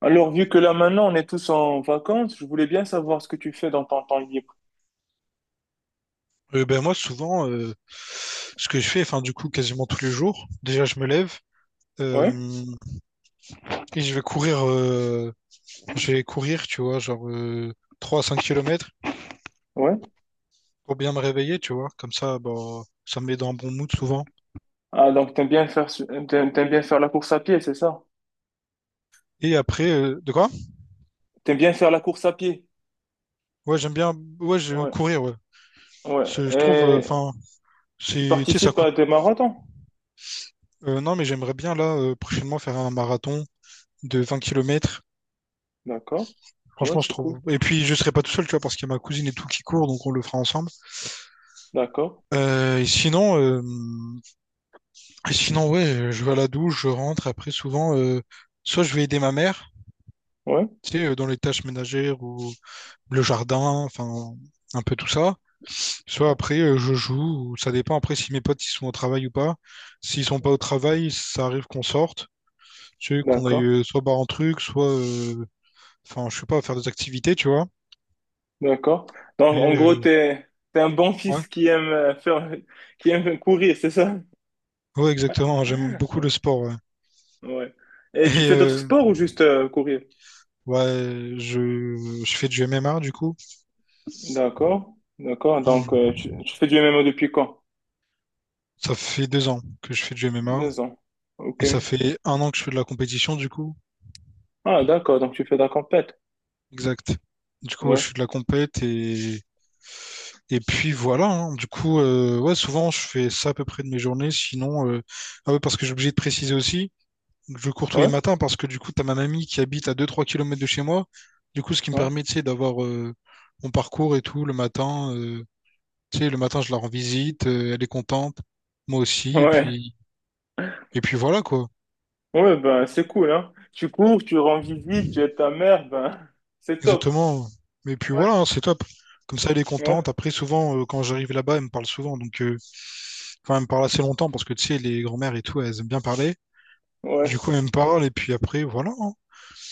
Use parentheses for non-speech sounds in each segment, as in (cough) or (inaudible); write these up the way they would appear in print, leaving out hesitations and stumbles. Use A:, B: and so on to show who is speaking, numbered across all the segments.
A: Alors, vu que là maintenant on est tous en vacances, je voulais bien savoir ce que tu fais dans ton temps libre.
B: Ben moi, souvent, ce que je fais, enfin, du coup, quasiment tous les jours, déjà, je me lève euh,
A: Ouais,
B: et je vais courir, tu vois, genre 3 à 5 kilomètres
A: ouais.
B: pour bien me réveiller, tu vois. Comme ça, bah, ça me met dans un bon mood souvent.
A: Ah, donc t'aimes bien faire, t'aimes bien faire la course à pied, c'est ça?
B: Et après, de quoi?
A: T'aimes bien faire la course à pied?
B: Ouais, j'aime bien, ouais, je
A: Ouais,
B: courir, ouais.
A: ouais.
B: Je trouve,
A: Et
B: enfin,
A: tu
B: c'est, tu sais, ça
A: participes
B: coûte.
A: à des marathons?
B: Non, mais j'aimerais bien, là, prochainement, faire un marathon de 20 kilomètres.
A: D'accord. Ouais,
B: Franchement, je
A: c'est cool.
B: trouve. Et puis, je serai pas tout seul, tu vois, parce qu'il y a ma cousine et tout qui court, donc on le fera ensemble.
A: D'accord.
B: Euh, et sinon, euh, et sinon, ouais, je vais à la douche, je rentre. Après, souvent, soit je vais aider ma mère,
A: Ouais,
B: tu sais, dans les tâches ménagères ou le jardin, enfin, un peu tout ça. Soit après, je joue, ou ça dépend après si mes potes ils sont au travail ou pas. S'ils sont pas au travail, ça arrive qu'on sorte, tu sais, qu'on aille
A: d'accord.
B: soit boire un truc, soit enfin, je sais pas, faire des activités, tu vois.
A: D'accord. Donc,
B: Et
A: en gros,
B: euh,
A: t'es un bon
B: ouais,
A: fils qui aime qui aime courir, c'est ça?
B: ouais, exactement. J'aime beaucoup le
A: (laughs)
B: sport, ouais.
A: Ouais. Et tu
B: Et
A: fais d'autres
B: euh,
A: sports ou juste courir?
B: ouais, je fais du MMA du coup.
A: D'accord, d'accord. Donc,
B: Hmm.
A: tu fais du MMO depuis quand?
B: Ça fait 2 ans que je fais du MMA
A: 2 ans. Ok.
B: et ça fait 1 an que je fais de la compétition du coup.
A: Ah, d'accord. Donc, tu fais de la compète.
B: Exact. Du coup, ouais,
A: Ouais,
B: je fais de la compète et puis voilà, hein. Du coup, ouais, souvent je fais ça à peu près de mes journées. Sinon, ah ouais, parce que j'ai obligé de préciser aussi, je cours tous les
A: ouais,
B: matins parce que du coup, t'as ma mamie qui habite à 2-3 km de chez moi. Du coup, ce qui me
A: ouais.
B: permet, tu sais, d'avoir mon parcours et tout le matin. Tu sais, le matin, je la rends visite, elle est contente, moi aussi.
A: (laughs)
B: Et puis voilà quoi.
A: Ouais, ouais, ben, c'est cool, hein. Tu cours, tu rends visite, tu es ta mère, ben, (laughs) c'est top.
B: Exactement. Mais puis
A: Ouais,
B: voilà, hein, c'est top. Comme ça, elle est contente.
A: ouais,
B: Après, souvent, quand j'arrive là-bas, elle me parle souvent. Donc, enfin, elle me parle assez longtemps parce que tu sais, les grand-mères et tout, elles aiment bien parler. Du
A: ouais,
B: coup, elle me parle et puis après, voilà, hein.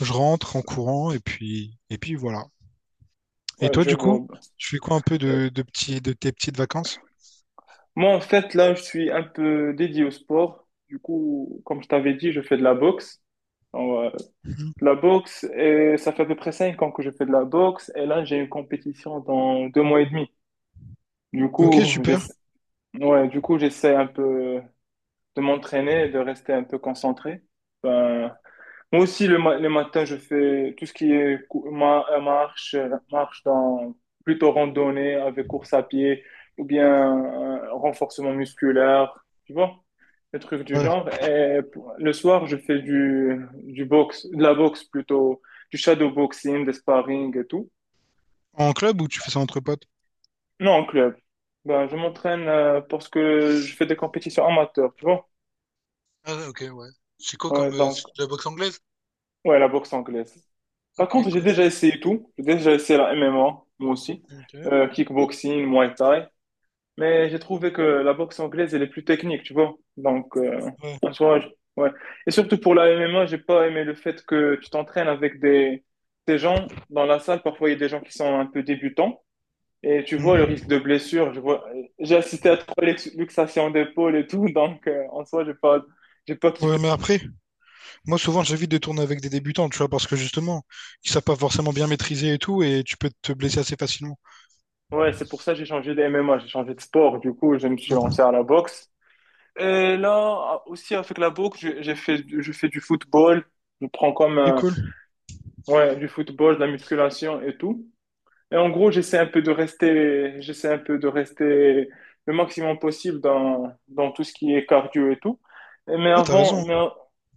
B: Je rentre en courant et puis voilà. Et
A: ouais,
B: toi,
A: je
B: du
A: vois,
B: coup,
A: ben.
B: tu fais quoi un peu
A: Euh,
B: de petits, de tes petites vacances?
A: moi, en fait, là, je suis un peu dédié au sport. Du coup, comme je t'avais dit, je fais de la boxe. Alors,
B: Mhm.
A: de la boxe, et ça fait à peu près 5 ans que je fais de la boxe. Et là, j'ai une compétition dans 2 mois et demi. Du coup,
B: Ok, super.
A: j'essa- ouais, du coup, j'essaie un peu de m'entraîner, de rester un peu concentré. Ben, moi aussi, le matin, je fais tout ce qui est marche dans plutôt randonnée avec course à pied ou bien renforcement musculaire, tu vois, des trucs du
B: Ouais.
A: genre. Et le soir, je fais de la boxe plutôt, du shadow boxing, des sparring et tout.
B: En club ou tu fais ça entre potes?
A: Non, en club. Ben, je m'entraîne parce que je fais des compétitions amateurs, tu vois.
B: Ah, ok, ouais. C'est quoi
A: Ouais,
B: comme. C'est
A: donc,
B: de la boxe anglaise?
A: ouais, la boxe anglaise. Par
B: Ok,
A: contre, j'ai
B: cool.
A: déjà essayé tout. J'ai déjà essayé la MMA, moi aussi.
B: Ok.
A: Kickboxing, Muay Thai. Mais j'ai trouvé que la boxe anglaise, elle est plus technique, tu vois. Donc,
B: Ouais.
A: en soi, ouais. Et surtout pour la MMA, j'ai pas aimé le fait que tu t'entraînes avec des gens dans la salle. Parfois, il y a des gens qui sont un peu débutants. Et tu vois le risque
B: Mhm.
A: de blessure, je vois, j'ai assisté à trois luxations d'épaule et tout, (laughs) donc en soi, j'ai pas
B: Ouais,
A: kiffé.
B: mais après, moi, souvent, j'évite de tourner avec des débutants, tu vois, parce que justement, ils savent pas forcément bien maîtriser et tout, et tu peux te blesser assez facilement.
A: Ouais, c'est pour ça que j'ai changé de MMA, j'ai changé de sport, du coup, je me suis lancé
B: Mhm.
A: à la boxe. Et là, aussi avec la boxe, je fais du football, je prends comme,
B: Et cool.
A: ouais, du football, de la musculation et tout. Et en gros, j'essaie un peu de rester, j'essaie un peu de rester le maximum possible dans tout ce qui est cardio et tout. Mais
B: Ouais, t'as
A: avant,
B: raison,
A: mais, en-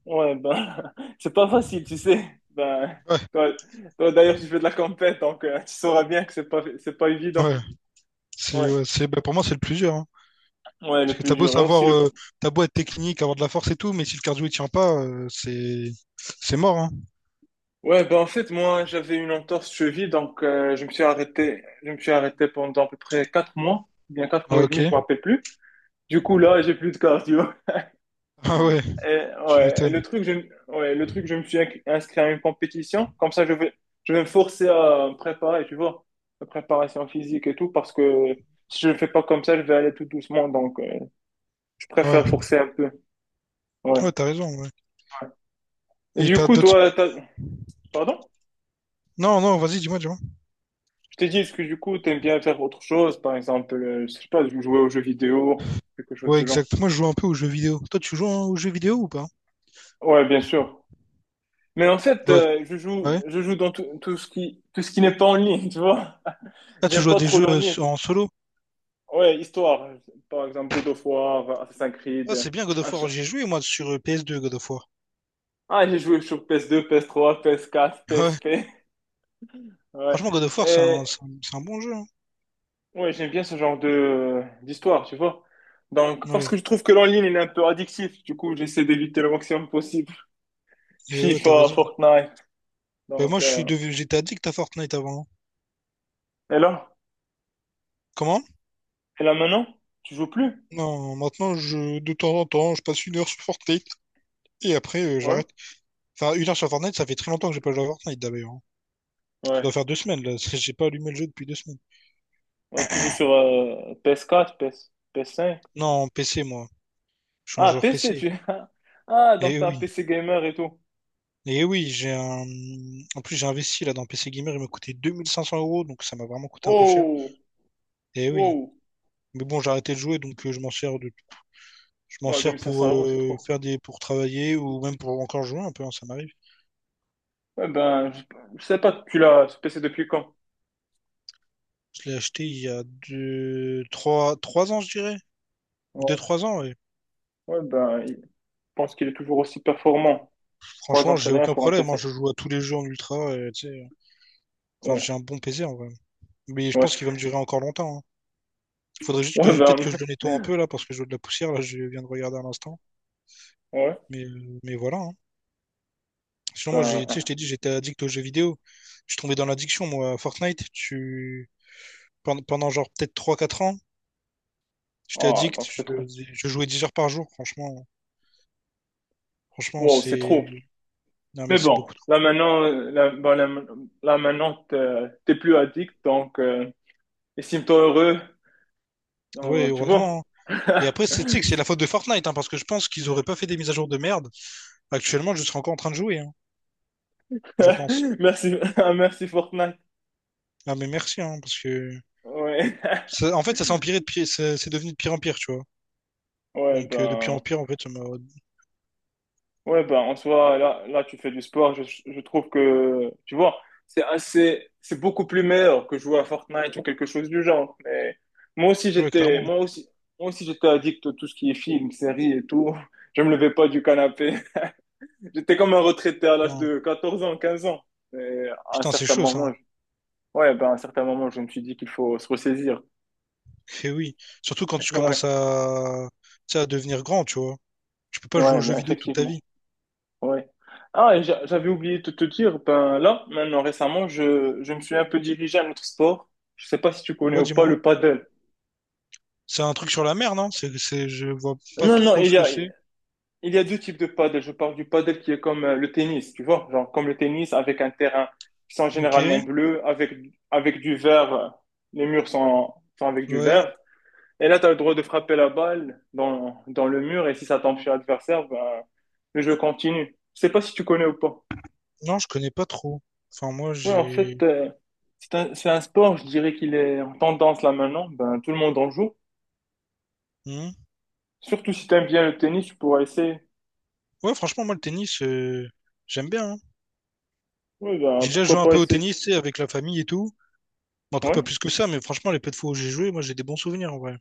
A: ouais, ben, (laughs) c'est pas facile, tu sais. Ben,
B: hein.
A: toi, toi, d'ailleurs, tu fais de la compète, donc tu sauras bien que c'est pas
B: Ouais,
A: évident.
B: ouais. C'est,
A: Ouais,
B: ouais, c'est, bah, pour moi, c'est le plusieurs, hein.
A: ouais, le
B: Parce que
A: plus
B: t'as beau
A: dur. Et aussi
B: savoir,
A: le...
B: t'as beau être technique, avoir de la force et tout, mais si le cardio il tient pas, c'est mort, hein.
A: Ouais, ben en fait, moi, j'avais une entorse cheville, donc je me suis arrêté pendant à peu près 4 mois, bien quatre mois
B: Ah,
A: et
B: ok.
A: demi, je me rappelle
B: (laughs)
A: plus. Du coup, là, j'ai plus de cardio.
B: Ah ouais,
A: Euh,
B: tu
A: ouais,
B: m'étonnes.
A: ouais, le truc, je me suis inscrit à une compétition. Comme ça, je vais me forcer à me préparer, tu vois, la préparation physique et tout, parce que si je ne fais pas comme ça, je vais aller tout doucement. Donc, je
B: Ouais,
A: préfère forcer un peu. Ouais.
B: ouais, t'as raison. Ouais.
A: Et
B: Et
A: du
B: t'as
A: coup,
B: d'autres.
A: toi, pardon?
B: Non, non, vas-y, dis-moi, dis-moi.
A: Je t'ai dit, est-ce que du coup, t'aimes bien faire autre chose? Par exemple, je sais pas, jouer aux jeux vidéo, quelque chose
B: Ouais,
A: du genre.
B: exact. Moi, je joue un peu aux jeux vidéo. Toi, tu joues hein, aux jeux vidéo ou pas?
A: Ouais, bien sûr. Mais en
B: Tu
A: fait,
B: joues à-
A: je joue,
B: Ouais.
A: je joue dans tout ce qui n'est pas en ligne, (laughs) tu vois.
B: Ah, tu
A: J'aime
B: joues à
A: pas
B: des
A: trop
B: jeux
A: l'en ligne.
B: en solo.
A: Ouais, histoire. Par exemple, God of War, Assassin's
B: Ah,
A: Creed.
B: c'est bien God of
A: un ch-
B: War. J'ai joué moi sur PS2 God of War.
A: Ah, j'ai joué sur PS2, PS3, PS4, p
B: Ouais.
A: S trois, PS4, PSP. (laughs) Ouais.
B: Franchement, God of War, c'est un,
A: Et,
B: c'est un, c'est un bon jeu, hein.
A: ouais, j'aime bien ce genre de d'histoire, tu vois. Donc, parce
B: Ouais.
A: que je trouve que l'en-ligne, il est un peu addictif. Du coup, j'essaie d'éviter le maximum possible.
B: Et ouais, t'as
A: FIFA,
B: raison.
A: Fortnite.
B: Bah, moi,
A: Donc,
B: je suis devenu, j'étais addict à Fortnite avant, hein.
A: et là?
B: Comment?
A: Et là maintenant? Tu joues plus?
B: Non, maintenant, je, de temps en temps, je passe une heure sur Fortnite et après,
A: Ouais.
B: j'arrête. Enfin, une heure sur Fortnite, ça fait très longtemps que j'ai pas joué à Fortnite d'ailleurs, hein. Ça
A: Ouais.
B: doit faire 2 semaines là, parce que j'ai pas allumé le jeu depuis 2 semaines.
A: Ouais, tu joues sur PS4, PS, 4 ps cinq.
B: Non, PC, moi. Je suis un
A: Ah,
B: joueur
A: PC,
B: PC.
A: tu... (laughs) Ah, donc
B: Et
A: t'es un
B: oui.
A: PC gamer et tout.
B: Et oui, j'ai un. En plus, j'ai investi là dans PC Gamer. Il m'a coûté 2500 euros, donc ça m'a vraiment coûté un peu cher.
A: Oh!
B: Et oui.
A: Wow.
B: Mais bon, j'ai arrêté de jouer, donc je m'en sers de... je m'en
A: Ouais,
B: sers
A: 2500
B: pour
A: euros, c'est trop.
B: faire des pour travailler ou même pour encore jouer un peu, hein, ça m'arrive.
A: Ouais, ben, je sais pas, tu l'as ce PC depuis quand?
B: Je l'ai acheté il y a deux, trois, trois ans, je dirais.
A: Ouais,
B: Deux, trois ans, et
A: ouais ben, je pense qu'il est toujours aussi performant. 3 ans,
B: franchement,
A: c'est
B: j'ai
A: rien
B: aucun
A: pour un
B: problème, hein.
A: PC.
B: Je joue à tous les jeux en ultra, et, tu sais, hein. Enfin, j'ai
A: Ouais,
B: un bon PC en vrai. Mais je
A: ouais.
B: pense qu'il va me durer encore longtemps, hein. Faudrait juste que
A: Ouais,
B: je... peut-être
A: ben,
B: que je le
A: (laughs)
B: nettoie un peu là, parce que je vois de la poussière, là, je viens de regarder à l'instant.
A: ouais,
B: Mais voilà, hein. Sinon, moi, j'ai, tu sais, je
A: ben,
B: t'ai dit, j'étais addict aux jeux vidéo. Je suis tombé dans l'addiction, moi, à Fortnite. Tu... Pendant, pendant genre peut-être trois quatre ans, j'étais
A: ah,
B: addict,
A: donc c'est trop.
B: je jouais 10 heures par jour, franchement. Franchement,
A: Wow, c'est
B: c'est.
A: trop.
B: Non, mais
A: Mais
B: c'est beaucoup
A: bon,
B: trop.
A: là maintenant, là, ben, là, maintenant, t'es plus addict, donc, estime-toi heureux.
B: Ouais,
A: Tu
B: heureusement,
A: vois?
B: hein. Et après,
A: (laughs)
B: c'est tu sais que c'est la faute de Fortnite, hein, parce que je pense qu'ils auraient pas fait des mises à jour de merde. Actuellement, je serais encore en train de jouer, hein, je pense.
A: Merci, (laughs) merci Fortnite.
B: Ah, mais merci, hein, parce que.
A: Ouais,
B: Ça- En fait, ça s'est empiré de pire... ça- C'est devenu de pire en pire, tu vois.
A: ouais,
B: Donc, de pire en
A: ben.
B: pire, en fait, ça m'a.
A: Ouais, ben, en soi, là, tu fais du sport. Je trouve que, tu vois, c'est beaucoup plus meilleur que jouer à Fortnite ou quelque chose du genre. Mais moi aussi,
B: Ouais, clairement.
A: j'étais addict à tout ce qui est film, séries et tout. Je me levais pas du canapé. (laughs) J'étais comme un retraité à l'âge
B: Non.
A: de 14 ans, 15 ans. Et à un
B: Putain, c'est
A: certain
B: chaud, ça, hein.
A: moment, ouais, ben, à un certain moment, je me suis dit qu'il faut se ressaisir.
B: Eh oui. Surtout quand tu commences
A: (laughs)
B: à. Tu sais, à devenir grand, tu vois. Tu peux pas
A: Ouais,
B: jouer aux
A: ouais,
B: jeux
A: ben,
B: vidéo toute ta vie.
A: effectivement. Ouais. Ah, et j'avais oublié de te dire, ben là, maintenant récemment, je me suis un peu dirigé à un autre sport. Je sais pas si tu connais
B: Ouais,
A: ou pas
B: dis-moi.
A: le paddle.
B: C'est un truc sur la mer, non? C'est, je vois pas
A: Non, non,
B: trop
A: il
B: ce
A: y
B: que
A: a,
B: c'est.
A: il y a deux types de paddle. Je parle du paddle qui est comme le tennis, tu vois, genre comme le tennis avec un terrain qui sont généralement
B: Ok,
A: bleus, avec du vert, les murs sont avec du
B: ouais.
A: vert. Et là, tu as le droit de frapper la balle dans le mur et si ça tombe chez l'adversaire, ben, le jeu continue. Je sais pas si tu connais ou pas.
B: Non, je connais pas trop. Enfin, moi,
A: Ouais, en
B: j'ai.
A: fait, c'est un sport, je dirais qu'il est en tendance là maintenant. Ben, tout le monde en joue.
B: Hmm.
A: Surtout si t'aimes bien le tennis, tu pourras essayer.
B: Ouais, franchement, moi, le tennis, j'aime bien, hein.
A: Oui, ben,
B: J'ai déjà joué
A: pourquoi
B: un
A: pas
B: peu au
A: essayer?
B: tennis, tu sais, avec la famille et tout. Bon, après,
A: Ouais.
B: pas plus que ça, mais franchement, les peu de fois où j'ai joué, moi, j'ai des bons souvenirs, en vrai.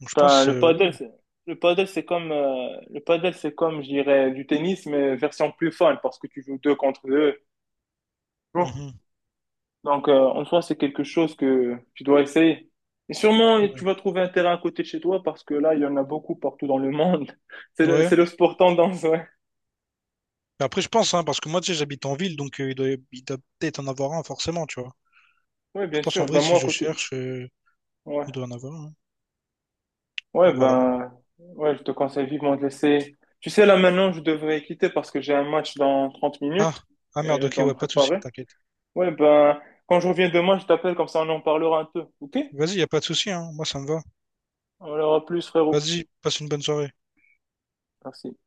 B: Donc, je
A: Ben,
B: pense.
A: le paddle, c'est comme, je dirais, du tennis, mais version plus fun, parce que tu joues deux contre deux. Bon.
B: Mhm.
A: Donc, en soi, c'est quelque chose que tu dois essayer. Et sûrement,
B: Ouais.
A: tu vas trouver un terrain à côté de chez toi, parce que là, il y en a beaucoup partout dans le monde. (laughs) C'est le,
B: Ouais.
A: c'est le sport tendance, ouais.
B: Mais après, je pense, hein, parce que moi, tu sais, j'habite en ville, donc il doit peut-être en avoir un, forcément, tu vois.
A: Ouais,
B: Je
A: bien
B: pense, en
A: sûr.
B: vrai,
A: Ben,
B: si
A: moi, à
B: je
A: côté,
B: cherche,
A: ouais.
B: il doit en avoir un.
A: Ouais,
B: Donc, voilà.
A: ben, ouais, je te conseille vivement de laisser. Tu sais, là, maintenant, je devrais quitter parce que j'ai un match dans 30
B: Ah,
A: minutes
B: ah
A: et
B: merde,
A: je
B: ok,
A: dois me
B: ouais, pas de souci,
A: préparer.
B: t'inquiète.
A: Ouais, ben, quand je reviens demain, je t'appelle, comme ça, on en parlera un peu. OK?
B: Vas-y, y a pas de souci, hein. Moi, ça me va.
A: On aura plus, frérot.
B: Vas-y, passe une bonne soirée.
A: Merci.